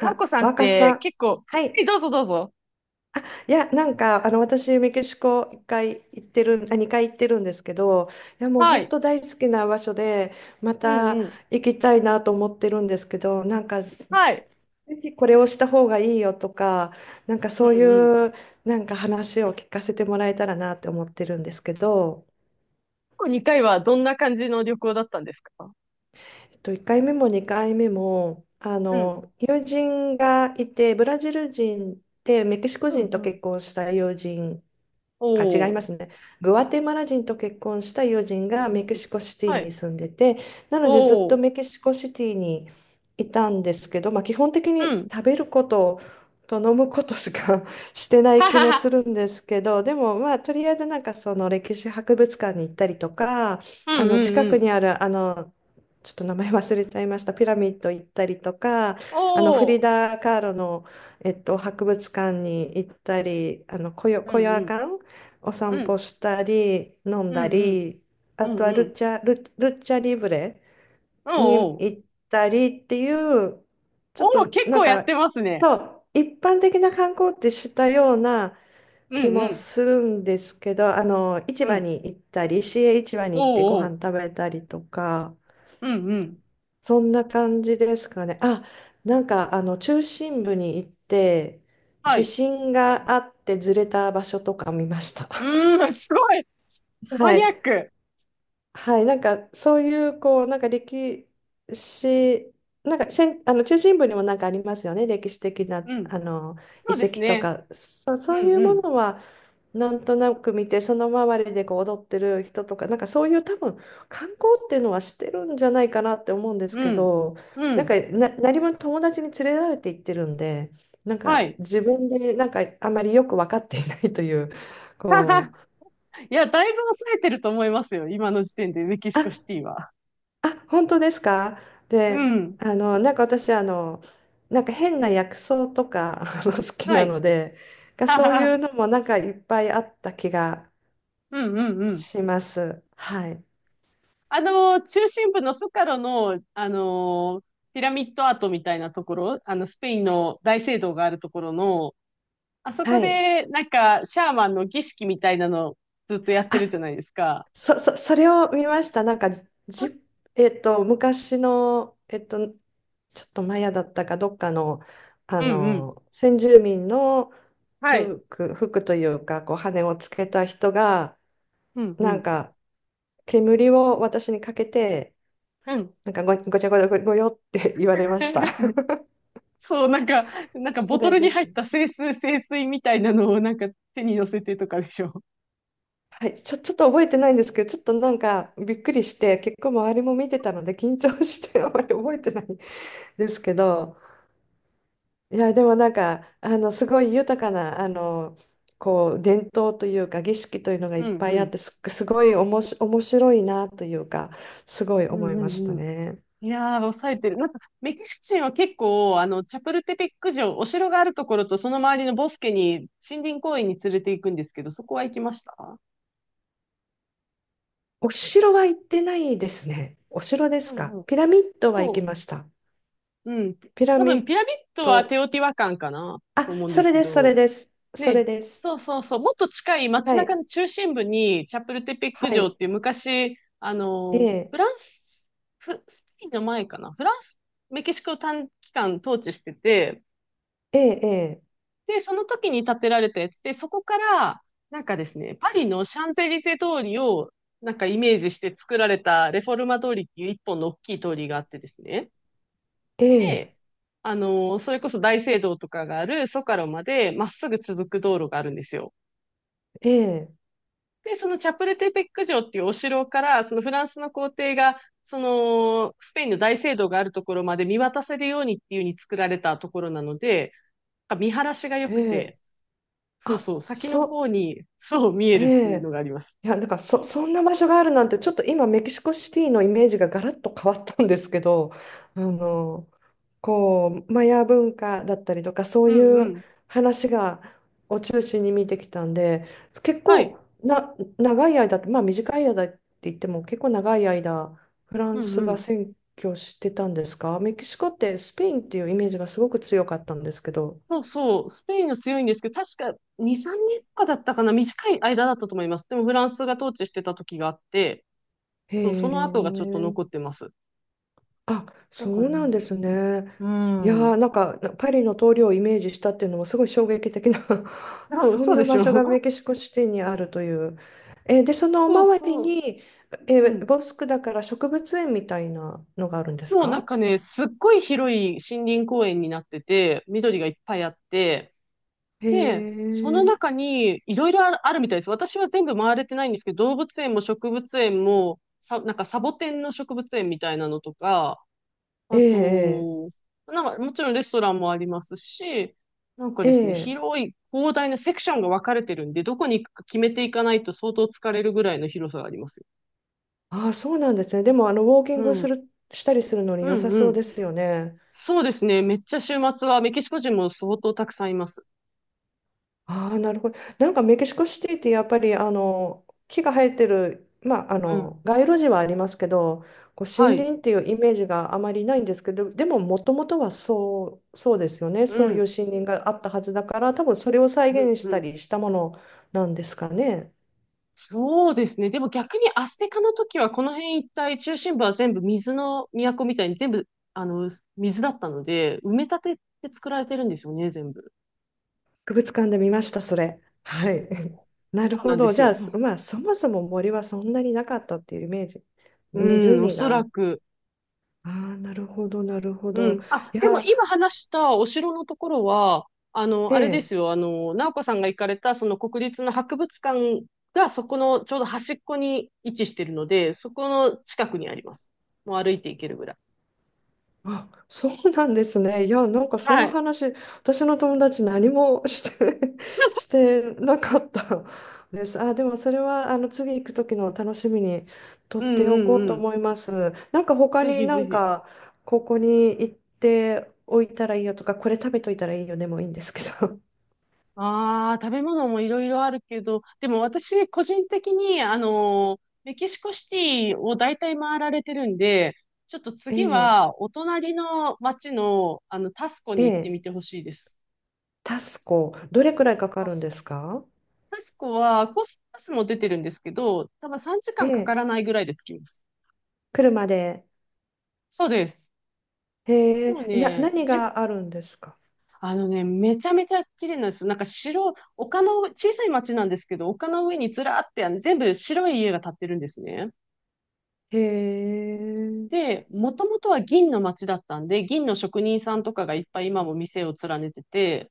なおこさんっ若てさ。結構、はえ、い。どうぞどうぞ。いや、私、メキシコ一回行ってる、あ、2回行ってるんですけど、いや、もうは本い。当大好きな場所で、まうんたうん。行きたいなと思ってるんですけど、なんか、ぜはい。ひこれをした方がいいよとか、なんかそううんうん。いう、なんか話を聞かせてもらえたらなって思ってるんですけど、過去2回はどんな感じの旅行だったんですか？1回目も2回目も、うん。友人がいて、ブラジル人で、メキシコう人んうとん。結婚した友人、あ、違いおまー。すね。グアテマラ人と結婚した友人うがんメキシコシティはにい。住んでて、なのでずっとおメー。キシコシティにいたんですけど、まあ、基本的うにん。食べることと飲むことしか してないは気はもすは。るんですけど、でもまあとりあえずなんかその歴史博物館に行ったりとか、うんうん近うくん。にあるちょっと名前忘れちゃいました、ピラミッド行ったりとか、おフリー。ダ・カーロの、博物館に行ったり、うコんヨうアん。カンお散う歩ん。したり、飲んうだんうん。り、うあとんはうルん。チャ、ル、ルチャリブレおにーおー。行ったりっていう、ちょおっー、と結なん構やってか、ますね。そう、一般的な観光ってしたようなう気んうもん。するんですけど、市う場ん。に行ったり、市営市場おに行ってごーお飯食ー。べたりとか、うんうん。そんな感じですかね。あ、なんか中心部に行って、は地い。震があってずれた場所とか見ました。う ーん、すごい。マはニアッい。ク。はい、なんかそういうこうなんか歴史なんかせんあの中心部にもなんかありますよね、歴史的なうん。そ遺うです跡とね。かうそういんううもん。のはなんとなく見て、その周りでこう踊ってる人とかなんかそういう、多分観光っていうのはしてるんじゃないかなって思うんですうけん。ど、うなんかん。な何分友達に連れられて行ってるんで、なんはかい。自分でなんかあまりよく分かっていないというこ う。いや、だいぶ抑えてると思いますよ。今の時点でメキシあコシティは。あ、本当ですか。うで、ん。なんか私、なんか変な薬草とか あの好きはない。ので、がそういう のもなんかいっぱいあった気がうんうんうん。します。はい。あの、中心部のスカロの、あのピラミッドアートみたいなところ、あの、スペインの大聖堂があるところの、あそはこい。で、なんか、シャーマンの儀式みたいなのずっとやってるあ、じゃないですか。それを見ました。なんか、じ、えっと、昔の、ちょっとマヤだったかどっかの、うんうん。先住民のはい。服というか、こう、羽をつけた人が、うんうなんん。か、煙を私にかけて、うん。なんかごちゃごちゃごよって 言われました。そう、なんか、なんかボそトれルにで入すっね。た清水みたいなのをなんか手に乗せてとかでしょ。はい、ちょっと覚えてないんですけど、ちょっとなんかびっくりして、結構周りも見てたので緊張して あまり覚えてないですけど、いや、でもなんか、すごい豊かな、こう、伝統というか、儀式というのがいうっんぱういあっん。て、すごいおもし、面白いなというか、すごいう思んいうましんたうん。ね。いやー、抑えてる。なんか、メキシコ人は結構、あの、チャプルテペック城、お城があるところと、その周りのボスケに、森林公園に連れて行くんですけど、そこは行きました？お城は行ってないですね。お城でうすんか？うん。ピラミッドは行きそました。う。うん。ピラ多ミ分、ッピラミッドはド。テオティワカンかなあ、と思うんでそすれけです、それど、です。それね、です。そうそうそう、もっと近い街は中い。の中心部に、チャプルテペッはク城っい。ていう昔、あえの、え、フランス、スペインの前かな、フランス、メキシコを短期間統治してて、ええ、で、その時に建てられたやつで、そこから、なんかですね、パリのシャンゼリゼ通りを、なんかイメージして作られたレフォルマ通りっていう一本の大きい通りがあってですね。ええ、で、あの、それこそ大聖堂とかがあるソカロまでまっすぐ続く道路があるんですよ。ええ、で、そのチャプルテペック城っていうお城から、そのフランスの皇帝が、その、スペインの大聖堂があるところまで見渡せるようにっていう風に作られたところなので、なんか見晴らしが良えくえ、て、そうあ、そう、先のそ、方に、そう見ええるっていうのえ。があります。いや、なんかそんな場所があるなんて、ちょっと今、メキシコシティのイメージがガラッと変わったんですけど、あの、こうマヤ文化だったりとかそううんいううん。話を中心に見てきたんで、結は構い。な長い間、まあ短い間って言っても結構長い間フラうンんスうがん。占拠してたんですか？メキシコってスペインっていうイメージがすごく強かったんですけど。そうそう、スペインが強いんですけど、確か2、3年とかだったかな、短い間だったと思います。でもフランスが統治してた時があって、へそう、その後がちょっとえ。残ってます。あ、だそからうなんでね、すね。ういやー、ん。なんかパリの通りをイメージしたっていうのもすごい衝撃的な そうそそんうでなし場ょ。所がメキシコシティにあるという。で、そのそう周りそう。に、うん。ボスクだから植物園みたいなのがあるんですそう、なんか？かね、すっごい広い森林公園になってて、緑がいっぱいあって、へで、そのえ、中にいろいろあるみたいです。私は全部回れてないんですけど、動物園も植物園も、なんかサボテンの植物園みたいなのとか、えあえ、と、なんかもちろんレストランもありますし、なんかえでえ、すね、広い広大なセクションが分かれてるんで、どこに行くか決めていかないと相当疲れるぐらいの広さがありますよ。あそうなんですね。でも、ウォーキうングすん。る、したりするのにう良んさうそうでん。すよね。そうですね。めっちゃ週末はメキシコ人も相当たくさんいます。ああ、なるほど。なんかメキシコシティってやっぱりあの木が生えてる、まあ、あうん。の街路樹はありますけど、こうは森い。林っていうイメージがあまりないんですけど、でももともとはそう、そうですよね。うそういうん。森林があったはずだから、多分それを再うん。現しうたん。りしたものなんですかね。そうですね。でも逆にアステカの時はこの辺一帯中心部は全部水の都みたいに全部あの水だったので埋め立てって作られてるんですよね、全部。博物館で見ました、それ。はい。なそるうなほんでど。すじゃあ、すよ。まあ、そもそも森はそんなになかったっていうイメージ。うん、お湖そらが。く。ああ、なるほど、なるほうど。ん。あ、いでもや、今話したお城のところは、あの、えあれでえ。すよ、あの、直子さんが行かれた、その国立の博物館が、そこのちょうど端っこに位置してるので、そこの近くにあります。もう歩いて行けるぐらい。あ、そうなんですね。いや、なんかそんはない。話、私の友達何もして し てなかったです。あ、でもそれはあの次行く時の楽しみにう取っんておうこうんうとん。思います。なんか他ぜにひなぜんひ。かここに行っておいたらいいよとか、これ食べといたらいいよでもいいんですけど。ああ、食べ物もいろいろあるけど、でも私、個人的に、メキシコシティを大体回られてるんで、ちょっと え次え、は、お隣の町の、あの、タスコえに行ってえ、みてほしいです。タスコ、どれくらいかかタるんスでコすか？タスコは、コースパスも出てるんですけど、多分3時え間かんかかえ、らないぐらいで着きます。車で。そうです。へもうえ、ね、何があるんですか？あのね、めちゃめちゃ綺麗なんですよ。なんか丘の上、小さい町なんですけど、丘の上にずらーって、あの全部白い家が建ってるんですね。へえ。で、もともとは銀の町だったんで、銀の職人さんとかがいっぱい今も店を連ねてて、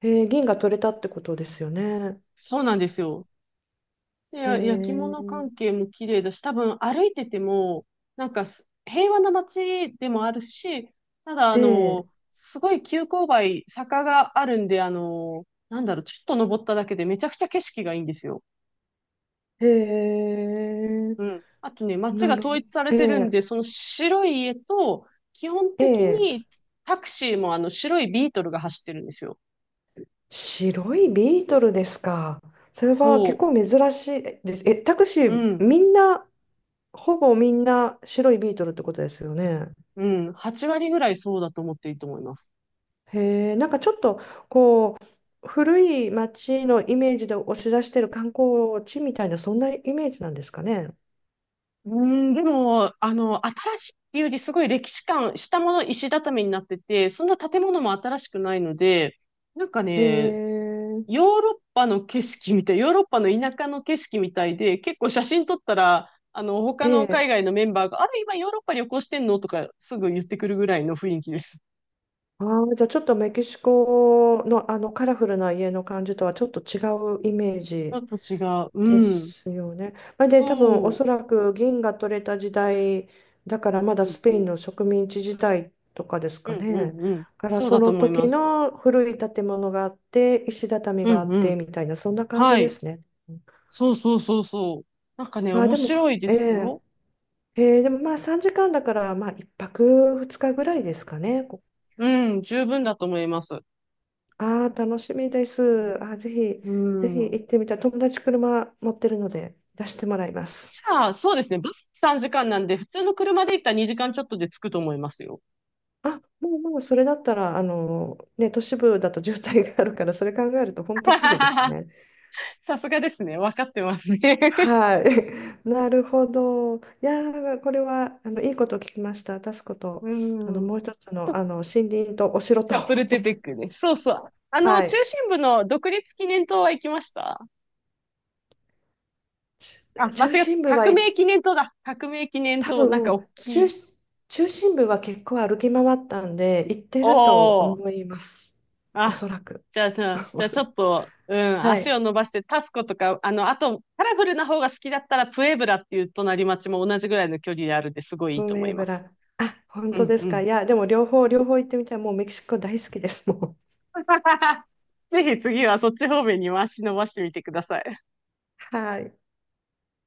銀が取れたってことですよね。そうなんですよ。で、え焼き物ー、関係も綺麗だし、多分歩いてても、なんか平和な町でもあるし、ただ、あえの、すごい急勾配、坂があるんで、あの、なんだろう、ちょっと登っただけでめちゃくちゃ景色がいいんですよ。ー、えー、うん。あとね、町ながる統ほど。一されてるんえで、その白い家と、基本ー、的えにー、タクシーもあの白いビートルが走ってるんですよ。白いビートルですか？それは結そ構珍しいです。タクシう。うー、ん。みんな、ほぼみんな白いビートルってことですよね。うん。8割ぐらいそうだと思っていいと思います。へえ、なんかちょっと、こう、古い街のイメージで押し出してる観光地みたいな、そんなイメージなんですかね。うん、でも、あの、新しいっていうより、すごい歴史感、下も石畳になってて、そんな建物も新しくないので、なんかへね、え。ヨーロッパの景色みたい、ヨーロッパの田舎の景色みたいで、結構写真撮ったら、あの、他のえ海え。外のメンバーが、あれ、今ヨーロッパ旅行してんのとか、すぐ言ってくるぐらいの雰囲気です。あー、じゃあちょっとメキシコの、あのカラフルな家の感じとはちょっと違うイメーちょジっと違う。でうん。すよね。まあ、で多分おそそらく銀が取れた時代だから、まう。だうスんペイうンん。の植民地時代とかですうかんうね。だんうん。からそうそだとの思い時ます。の古い建物があって石畳うがあんっうてん。みたいな、そんな感じはでい。すね。そうそうそうそう。なんかね、まあ面でも、白いでえすえよ。ええ、でもまあ3時間だからまあ1泊2日ぐらいですかね。うん、十分だと思います。ああ、楽しみです。あー、ぜひ、うぜひ行ん。ってみたい。友達車持ってるので出してもらいます。じゃあ、そうですね。バス3時間なんで、普通の車で行ったら2時間ちょっとで着くと思いますよ。あ、もうそれだったら、ね、都市部だと渋滞があるから、それ考えると本当すぐです ね。さすがですね。わかってますね。はい。なるほど。いやー、これは、いいことを聞きました。タスコ と。うもん。う一つの、と、森林とお城チと。ャプルテ ペックね。そうそう。あの、は中い。心部の独立記念塔は行きました？あ、間中違っ心部た。は革行っ命記念塔だ。革命記念多塔。なんか分大き中、い。中心部は結構歩き回ったんで行っておるとー。思います。おあ、そらく。じゃあ、おそちょらく。っと、うん、は足い。を伸ばして、タスコとか、あの、あと、カラフルな方が好きだったら、プエブラっていう隣町も同じぐらいの距離であるんで、すごいいいとブ思エいまブす。ラ。あ、本う当ん、ですうか？ん。いや、でも両方、両方行ってみたい。もうメキシコ大好きです。もう。ぜひ次はそっち方面にも足伸ばしてみてください。はい。